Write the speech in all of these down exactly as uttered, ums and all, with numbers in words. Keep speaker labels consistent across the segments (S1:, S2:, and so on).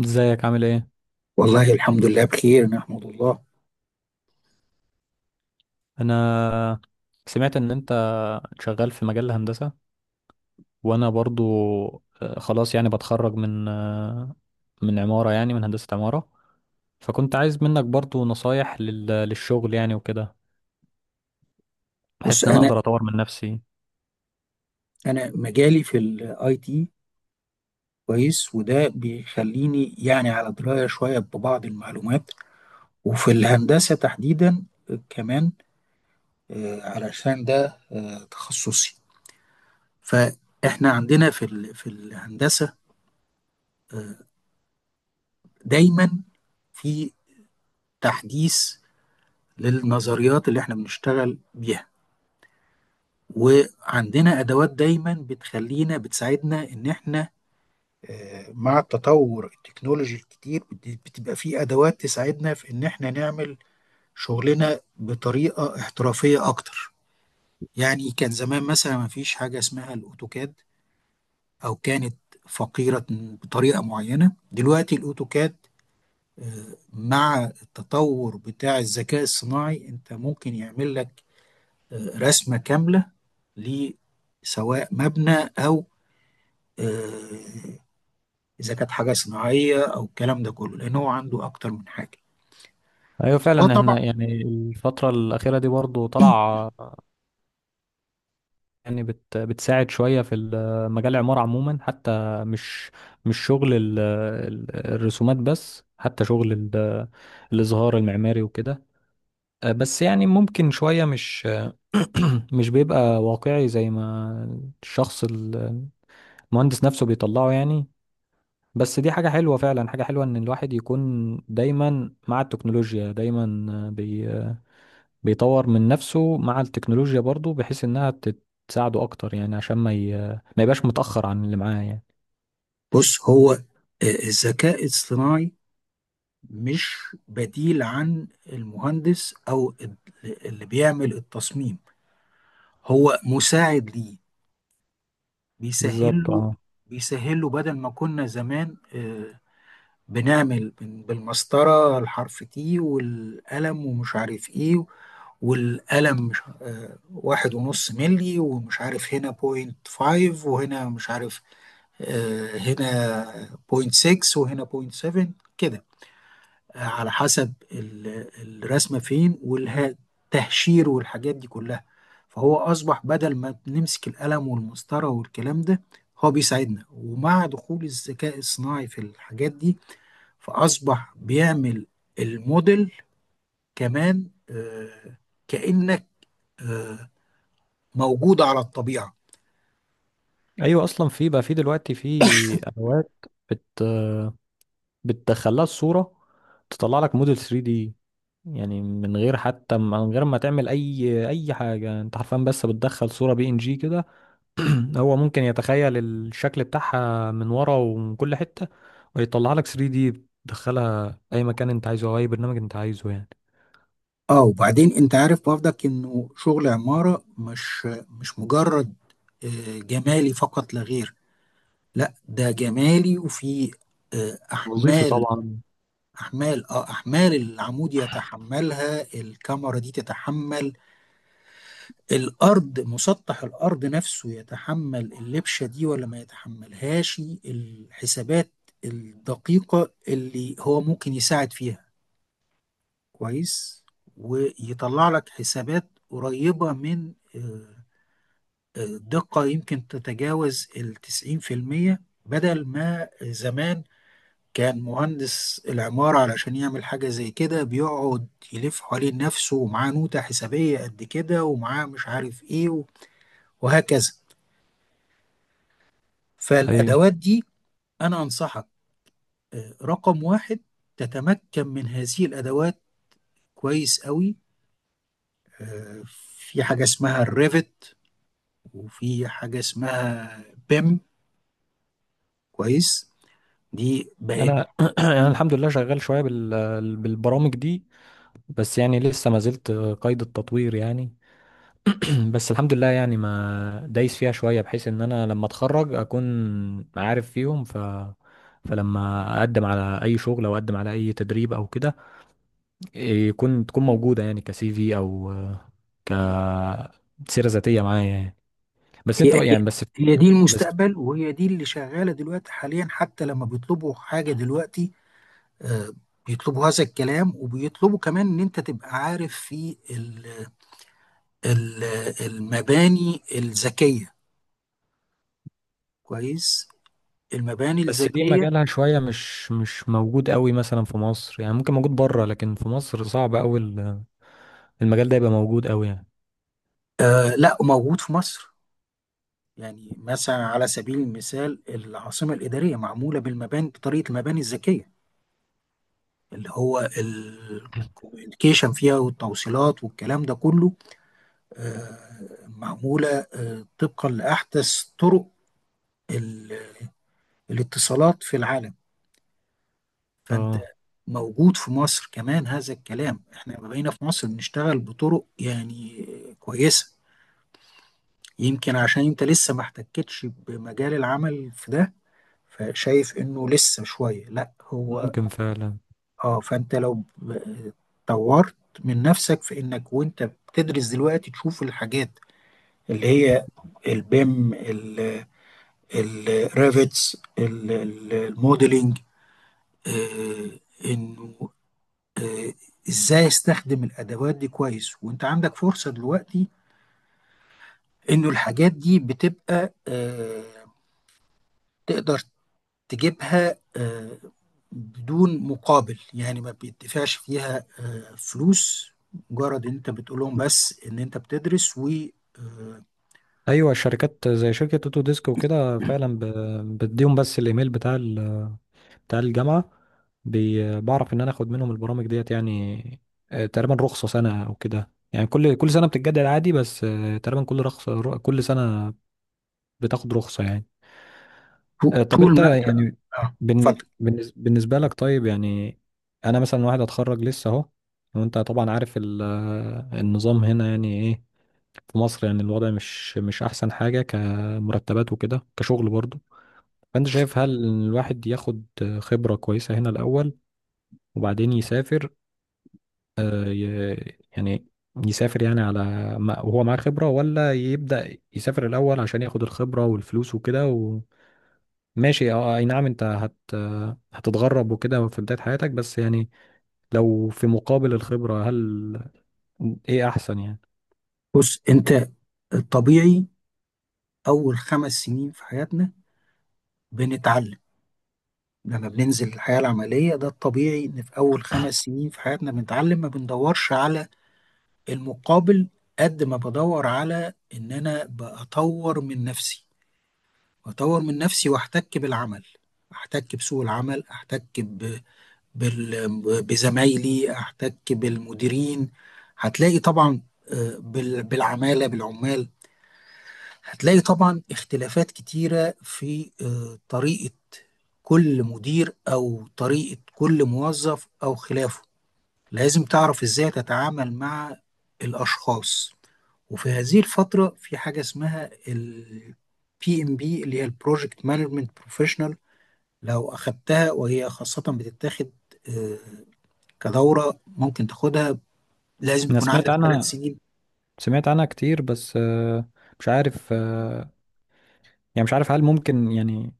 S1: ازيك، عامل ايه؟
S2: والله الحمد لله بخير، نحمد الله.
S1: انا سمعت ان انت شغال في مجال الهندسة، وانا برضو. آه، خلاص، يعني بتخرج من آه، من عمارة، يعني من هندسة عمارة. فكنت عايز منك برضو نصايح لل- للشغل يعني وكده، بحيث
S2: بص
S1: ان انا
S2: انا
S1: اقدر اطور من نفسي.
S2: انا مجالي في الاي تي كويس، وده بيخليني يعني على درايه شويه ببعض المعلومات. وفي الهندسه تحديدا كمان، آه، علشان ده آه، تخصصي. فاحنا عندنا في ال- في الهندسه دايما في تحديث للنظريات اللي احنا بنشتغل بيها. وعندنا ادوات دايما بتخلينا بتساعدنا ان احنا، آه، مع التطور التكنولوجي الكتير بت- بتبقى في أدوات تساعدنا في إن إحنا نعمل شغلنا بطريقة احترافية أكتر. يعني كان زمان مثلا ما فيش حاجة اسمها الأوتوكاد، أو كانت فقيرة بطريقة معينة. دلوقتي الأوتوكاد، آه، مع التطور بتاع الذكاء الصناعي، أنت ممكن يعمل لك آه، رسمة كاملة، لسواء مبنى أو آه، اذا كانت حاجه صناعيه او الكلام ده كله، لان هو عنده اكتر من حاجه.
S1: ايوه
S2: هو
S1: فعلا،
S2: طبعا.
S1: احنا يعني الفترة الأخيرة دي برضو طلع، يعني بت بتساعد شوية في ال- مجال العمارة عموما، حتى مش مش شغل ال- ال- الرسومات بس، حتى شغل ال- الإظهار المعماري وكده. آه، بس يعني ممكن شوية مش مش بيبقى واقعي زي ما الشخص ال- المهندس نفسه بيطلعه يعني. بس دي حاجة حلوة فعلا، حاجة حلوة إن الواحد يكون دايما مع التكنولوجيا، دايما آه، بي آه، بيطور من نفسه مع التكنولوجيا برضو، بحيث إنها تت- تساعده أكتر، يعني عشان ما ي... ما يبقاش متأخر عن اللي معاه يعني.
S2: بص، هو آه، الذكاء الصناعي مش بديل عن المهندس او ال- اللي بيعمل التصميم، هو مساعد ليه. بيسهل
S1: بالظبط،
S2: له
S1: اه.
S2: بيسهل له بدل ما كنا زمان آه، بنعمل بن- بالمسطره، الحرف تي والقلم ومش عارف ايه، والقلم مش آه، واحد ونص ملي، ومش عارف هنا بوينت فايف وهنا مش عارف آه، هنا بوينت ستة وهنا بوينت سبعة، كده، آه، على حسب ال- الرسمة فين، والتهشير والحاجات دي كلها. فهو أصبح بدل ما نمسك القلم والمسطرة والكلام ده، هو بيساعدنا. ومع دخول الذكاء الصناعي في الحاجات دي، فأصبح بيعمل الموديل كمان، آه، كأنك آه، موجود على الطبيعة.
S1: أيوة، أصلا في بقى، في دلوقتي في أدوات بت بتدخلها الصورة تطلع لك موديل ثري دي، يعني من غير حتى، من غير ما تعمل اي اي حاجة، انت حرفيا بس بتدخل صورة بي ان جي كده. هو ممكن يتخيل الشكل بتاعها من ورا ومن كل حتة ويطلع لك ثري دي، بتدخلها اي مكان انت عايزه او اي برنامج انت عايزه يعني.
S2: اه. وبعدين انت عارف برضك، انه شغل عمارة مش مش مجرد آه، جمالي فقط لا غير. لا، ده جمالي وفي آه،
S1: وظيفي
S2: احمال
S1: طبعا.
S2: احمال اه احمال العمود يتحملها، الكاميرا دي تتحمل، الارض، مسطح الارض نفسه يتحمل اللبشة دي ولا ما يتحملهاش. الحسابات الدقيقة اللي هو ممكن يساعد فيها كويس، ويطلع لك حسابات قريبة من آه، آه، دقة يمكن تتجاوز التسعين في المية. بدل ما زمان كان مهندس العمارة علشان يعمل حاجة زي كده بيقعد يلف حوالين نفسه، ومعاه نوتة حسابية قد كده، ومعاه مش عارف ايه، و- وهكذا.
S1: ايوه،
S2: فالأدوات دي، أنا أنصحك آه، رقم واحد، تتمكن من هذه الأدوات كويس قوي. آه، في حاجة اسمها الريفت، وفي حاجة اسمها بيم، كويس. دي بقت،
S1: انا انا الحمد لله شغال شويه بال... بالبرامج دي، بس يعني لسه ما زلت قيد التطوير يعني. بس الحمد لله يعني ما دايس فيها شوية، بحيث ان انا لما اتخرج اكون عارف فيهم. ف فلما اقدم على اي شغل او اقدم على اي تدريب او كده، يكون تكون موجودة يعني كسي في، او ك سيرة ذاتية معايا يعني. بس انت
S2: هي
S1: بقى-
S2: هي
S1: يعني، بس
S2: هي دي
S1: بس
S2: المستقبل، وهي دي اللي شغالة دلوقتي حاليا. حتى لما بيطلبوا حاجة دلوقتي آه، بيطلبوا هذا الكلام، وبيطلبوا كمان ان انت تبقى عارف في ال ال المباني الذكية، كويس، المباني
S1: بس دي
S2: الذكية.
S1: مجالها شوية، مش مش موجود قوي مثلا في مصر، يعني ممكن موجود بره لكن في مصر صعب قوي ال- المجال ده يبقى موجود قوي يعني.
S2: آه لا، موجود في مصر. يعني مثلا، على سبيل المثال، العاصمة الإدارية معمولة بالمباني بطريقة المباني الذكية، اللي هو الكوميونيكيشن فيها والتوصيلات والكلام ده كله آه، معمولة آه، طبقا لأحدث طرق ال- الاتصالات في العالم. فأنت
S1: اه،
S2: موجود في مصر كمان هذا الكلام. احنا ما بقينا في مصر بنشتغل بطرق يعني كويسة. يمكن عشان انت لسه ما احتكتش بمجال العمل في ده، فشايف انه لسه شوية، لا هو.
S1: ممكن فعلا.
S2: اه، فانت لو ب- طورت من نفسك في انك وانت بتدرس دلوقتي تشوف الحاجات اللي هي البيم، الريفيتس، الموديلنج، انه آه، ازاي استخدم الادوات دي كويس. وانت عندك فرصة دلوقتي انه الحاجات دي بتبقى آه، تقدر تجيبها آه، بدون مقابل، يعني ما بيدفعش فيها آه، فلوس، مجرد ان انت بتقول لهم بس ان انت بتدرس، و آه،
S1: ايوه شركات زي شركه اوتو ديسك وكده، فعلا ب- بديهم بس الايميل بتاع ال- بتاع الجامعه، بي- بعرف ان انا اخد منهم البرامج ديت يعني. آه، تقريبا رخصه سنه او كده، يعني كل كل سنه بتتجدد عادي، بس آه، تقريبا كل رخصه ر- كل سنه بتاخد رخصه يعني.
S2: طو-
S1: آه، طب
S2: طول
S1: انت
S2: ما انت.
S1: يعني
S2: اه،
S1: بالن-
S2: اتفضل.
S1: بالنس- بالنسبه لك، طيب يعني انا مثلا واحد اتخرج لسه اهو، وانت طبعا عارف ال- آه، النظام هنا يعني ايه في مصر. يعني الوضع مش مش احسن حاجة، كمرتبات وكده، كشغل برضه. فانت شايف، هل إن الواحد ياخد خبرة كويسة هنا الاول وبعدين يسافر، آه، ي- يعني يسافر يعني على ما وهو معاه خبرة، ولا يبدأ يسافر الأول عشان ياخد الخبرة والفلوس وكده؟ وماشي، اه اي نعم انت هت هتتغرب وكده في بداية حياتك، بس يعني لو في مقابل الخبرة، هل ايه احسن يعني؟
S2: بص انت، الطبيعي اول خمس سنين في حياتنا بنتعلم. لما بننزل الحياة العملية، ده الطبيعي ان في اول خمس سنين في حياتنا بنتعلم، ما بندورش على المقابل، قد ما بدور على ان انا بطور من نفسي. أطور من نفسي وأحتك بالعمل، أحتك بسوق العمل، أحتك ب... بال... بزمايلي، أحتك بالمديرين. هتلاقي طبعا آه، بال... بالعمالة بالعمال. هتلاقي طبعا اختلافات كتيرة في آه، طريقة كل مدير أو طريقة كل موظف أو خلافه، لازم تعرف ازاي تتعامل مع الاشخاص. وفي هذه الفترة في حاجة اسمها ال بي إم بي، اللي هي البروجكت مانجمنت بروفيشنال. لو أخدتها، وهي خاصة بتتاخد آه، كدورة، ممكن تاخدها، لازم
S1: انا
S2: يكون
S1: سمعت
S2: عندك ثلاث
S1: عنها،
S2: سنين
S1: سمعت عنها كتير، بس آه، مش عارف، آه، يعني مش عارف هل ممكن يعني،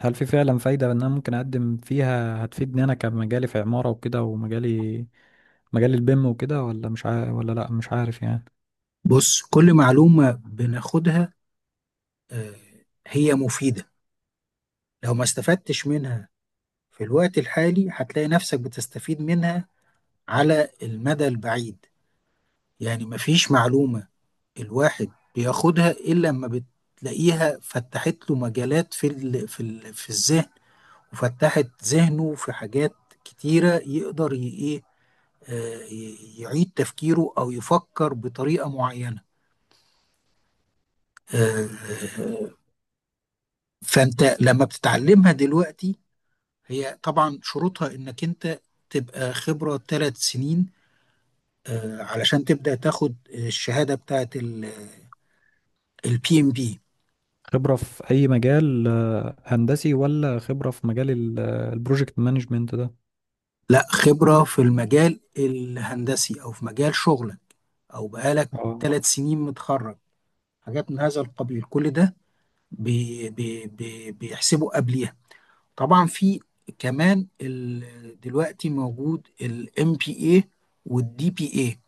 S1: هل في فعلا فايدة ان انا ممكن اقدم فيها؟ هتفيدني انا كمجالي في عمارة وكده، ومجالي مجال البيم وكده، ولا مش عارف، ولا لا مش عارف يعني.
S2: بص، كل معلومة بناخدها آه، هي مفيدة. لو ما استفدتش منها في الوقت الحالي، هتلاقي نفسك بتستفيد منها على المدى البعيد. يعني مفيش معلومة الواحد بياخدها الا لما بتلاقيها فتحت له مجالات في ال في ال في الذهن، وفتحت ذهنه في حاجات كتيره يقدر ي- ايه، آه، ي- يعيد تفكيره، او يفكر بطريقه معينه. آه، آه، فانت لما بتتعلمها دلوقتي، هي طبعا شروطها انك انت تبقى خبره ثلاث سنين، آه، علشان تبدا تاخد الشهاده بتاعت البي ام بي.
S1: خبرة في اي مجال آه، هندسي، ولا خبرة في مجال ال- آه، البروجكت مانجمنت ده؟
S2: لا، خبرة في المجال الهندسي أو في مجال شغلك، أو بقالك
S1: اه.
S2: ثلاث سنين متخرج، حاجات من هذا القبيل، كل ده بي بي بي بيحسبوا قبليها. طبعا في كمان ال- دلوقتي موجود الام بي اي والدي بي اي،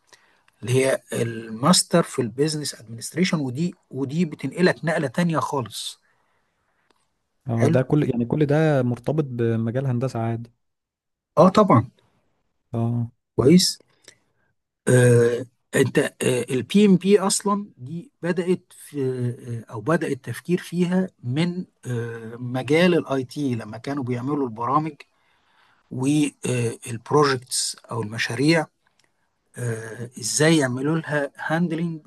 S2: اللي هي الماستر في البيزنس ادمنستريشن، ودي ودي بتنقلك نقلة تانية خالص.
S1: اه،
S2: حلو،
S1: ده كل يعني كل ده مرتبط بمجال هندسة عادي؟
S2: اه طبعا.
S1: اه.
S2: كويس، آه، انت، البي ام بي اصلا دي بدات في آه، او بدا التفكير فيها من آه، مجال الاي تي، لما كانوا بيعملوا البرامج والبروجكتس او المشاريع آه، ازاي يعملوا لها هاندلنج،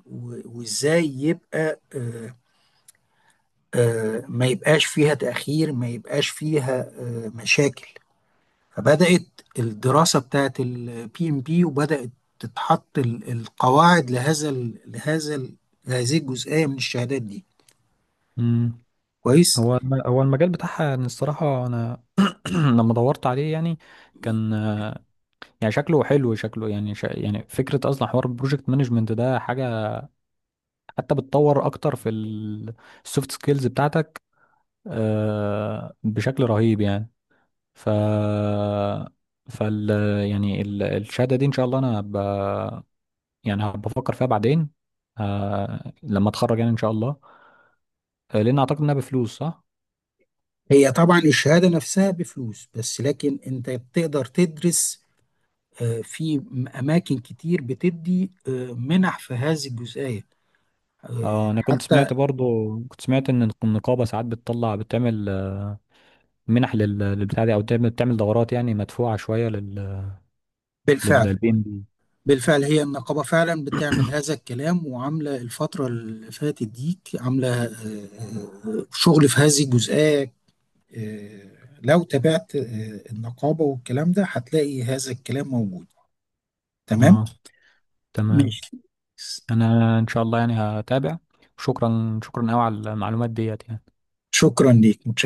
S2: وازاي يبقى آه، آه، ما يبقاش فيها تاخير، ما يبقاش فيها آه، مشاكل. فبدأت الدراسة بتاعت البي ام بي، وبدأت تتحط ال- القواعد لهذا ال لهذا ال هذه الجزئية من الشهادات دي.
S1: امم.
S2: كويس.
S1: هو الم- هو المجال بتاعها، يعني الصراحة انا لما دورت عليه يعني، كان يعني شكله حلو، شكله يعني شا... يعني فكرة، أصلا حوار البروجكت مانجمنت ده حاجة حتى بتطور أكتر في السوفت سكيلز بتاعتك آه، بشكل رهيب يعني. ف فال يعني ال- الشهادة دي، إن شاء الله أنا ب... يعني هبقى بفكر فيها بعدين، آه، لما أتخرج يعني إن شاء الله. آه، لأن أعتقد إنها بفلوس، صح؟
S2: هي طبعا الشهادة نفسها بفلوس، بس لكن انت بتقدر تدرس آه، في م- أماكن كتير بتدي آه، منح في هذه الجزئية آه،
S1: اه، انا كنت
S2: حتى.
S1: سمعت برضو، كنت سمعت ان النقابه ساعات بتطلع بتعمل منح لل- للبتاع دي، او بتعمل، بتعمل دورات يعني مدفوعه شويه لل
S2: بالفعل.
S1: للبي ام بي.
S2: بالفعل، هي النقابة فعلا بتعمل هذا الكلام، وعاملة الفترة اللي فاتت ديك عاملة آه، آه، آه، شغل في هذه الجزئية. آه، لو تابعت آه، النقابة والكلام ده، هتلاقي هذا الكلام موجود. تمام،
S1: اه، تمام.
S2: ماشي.
S1: انا ان شاء الله يعني هتابع. شكرا شكرا قوي على المعلومات ديت يعني.
S2: شكرا ليك، متشكر.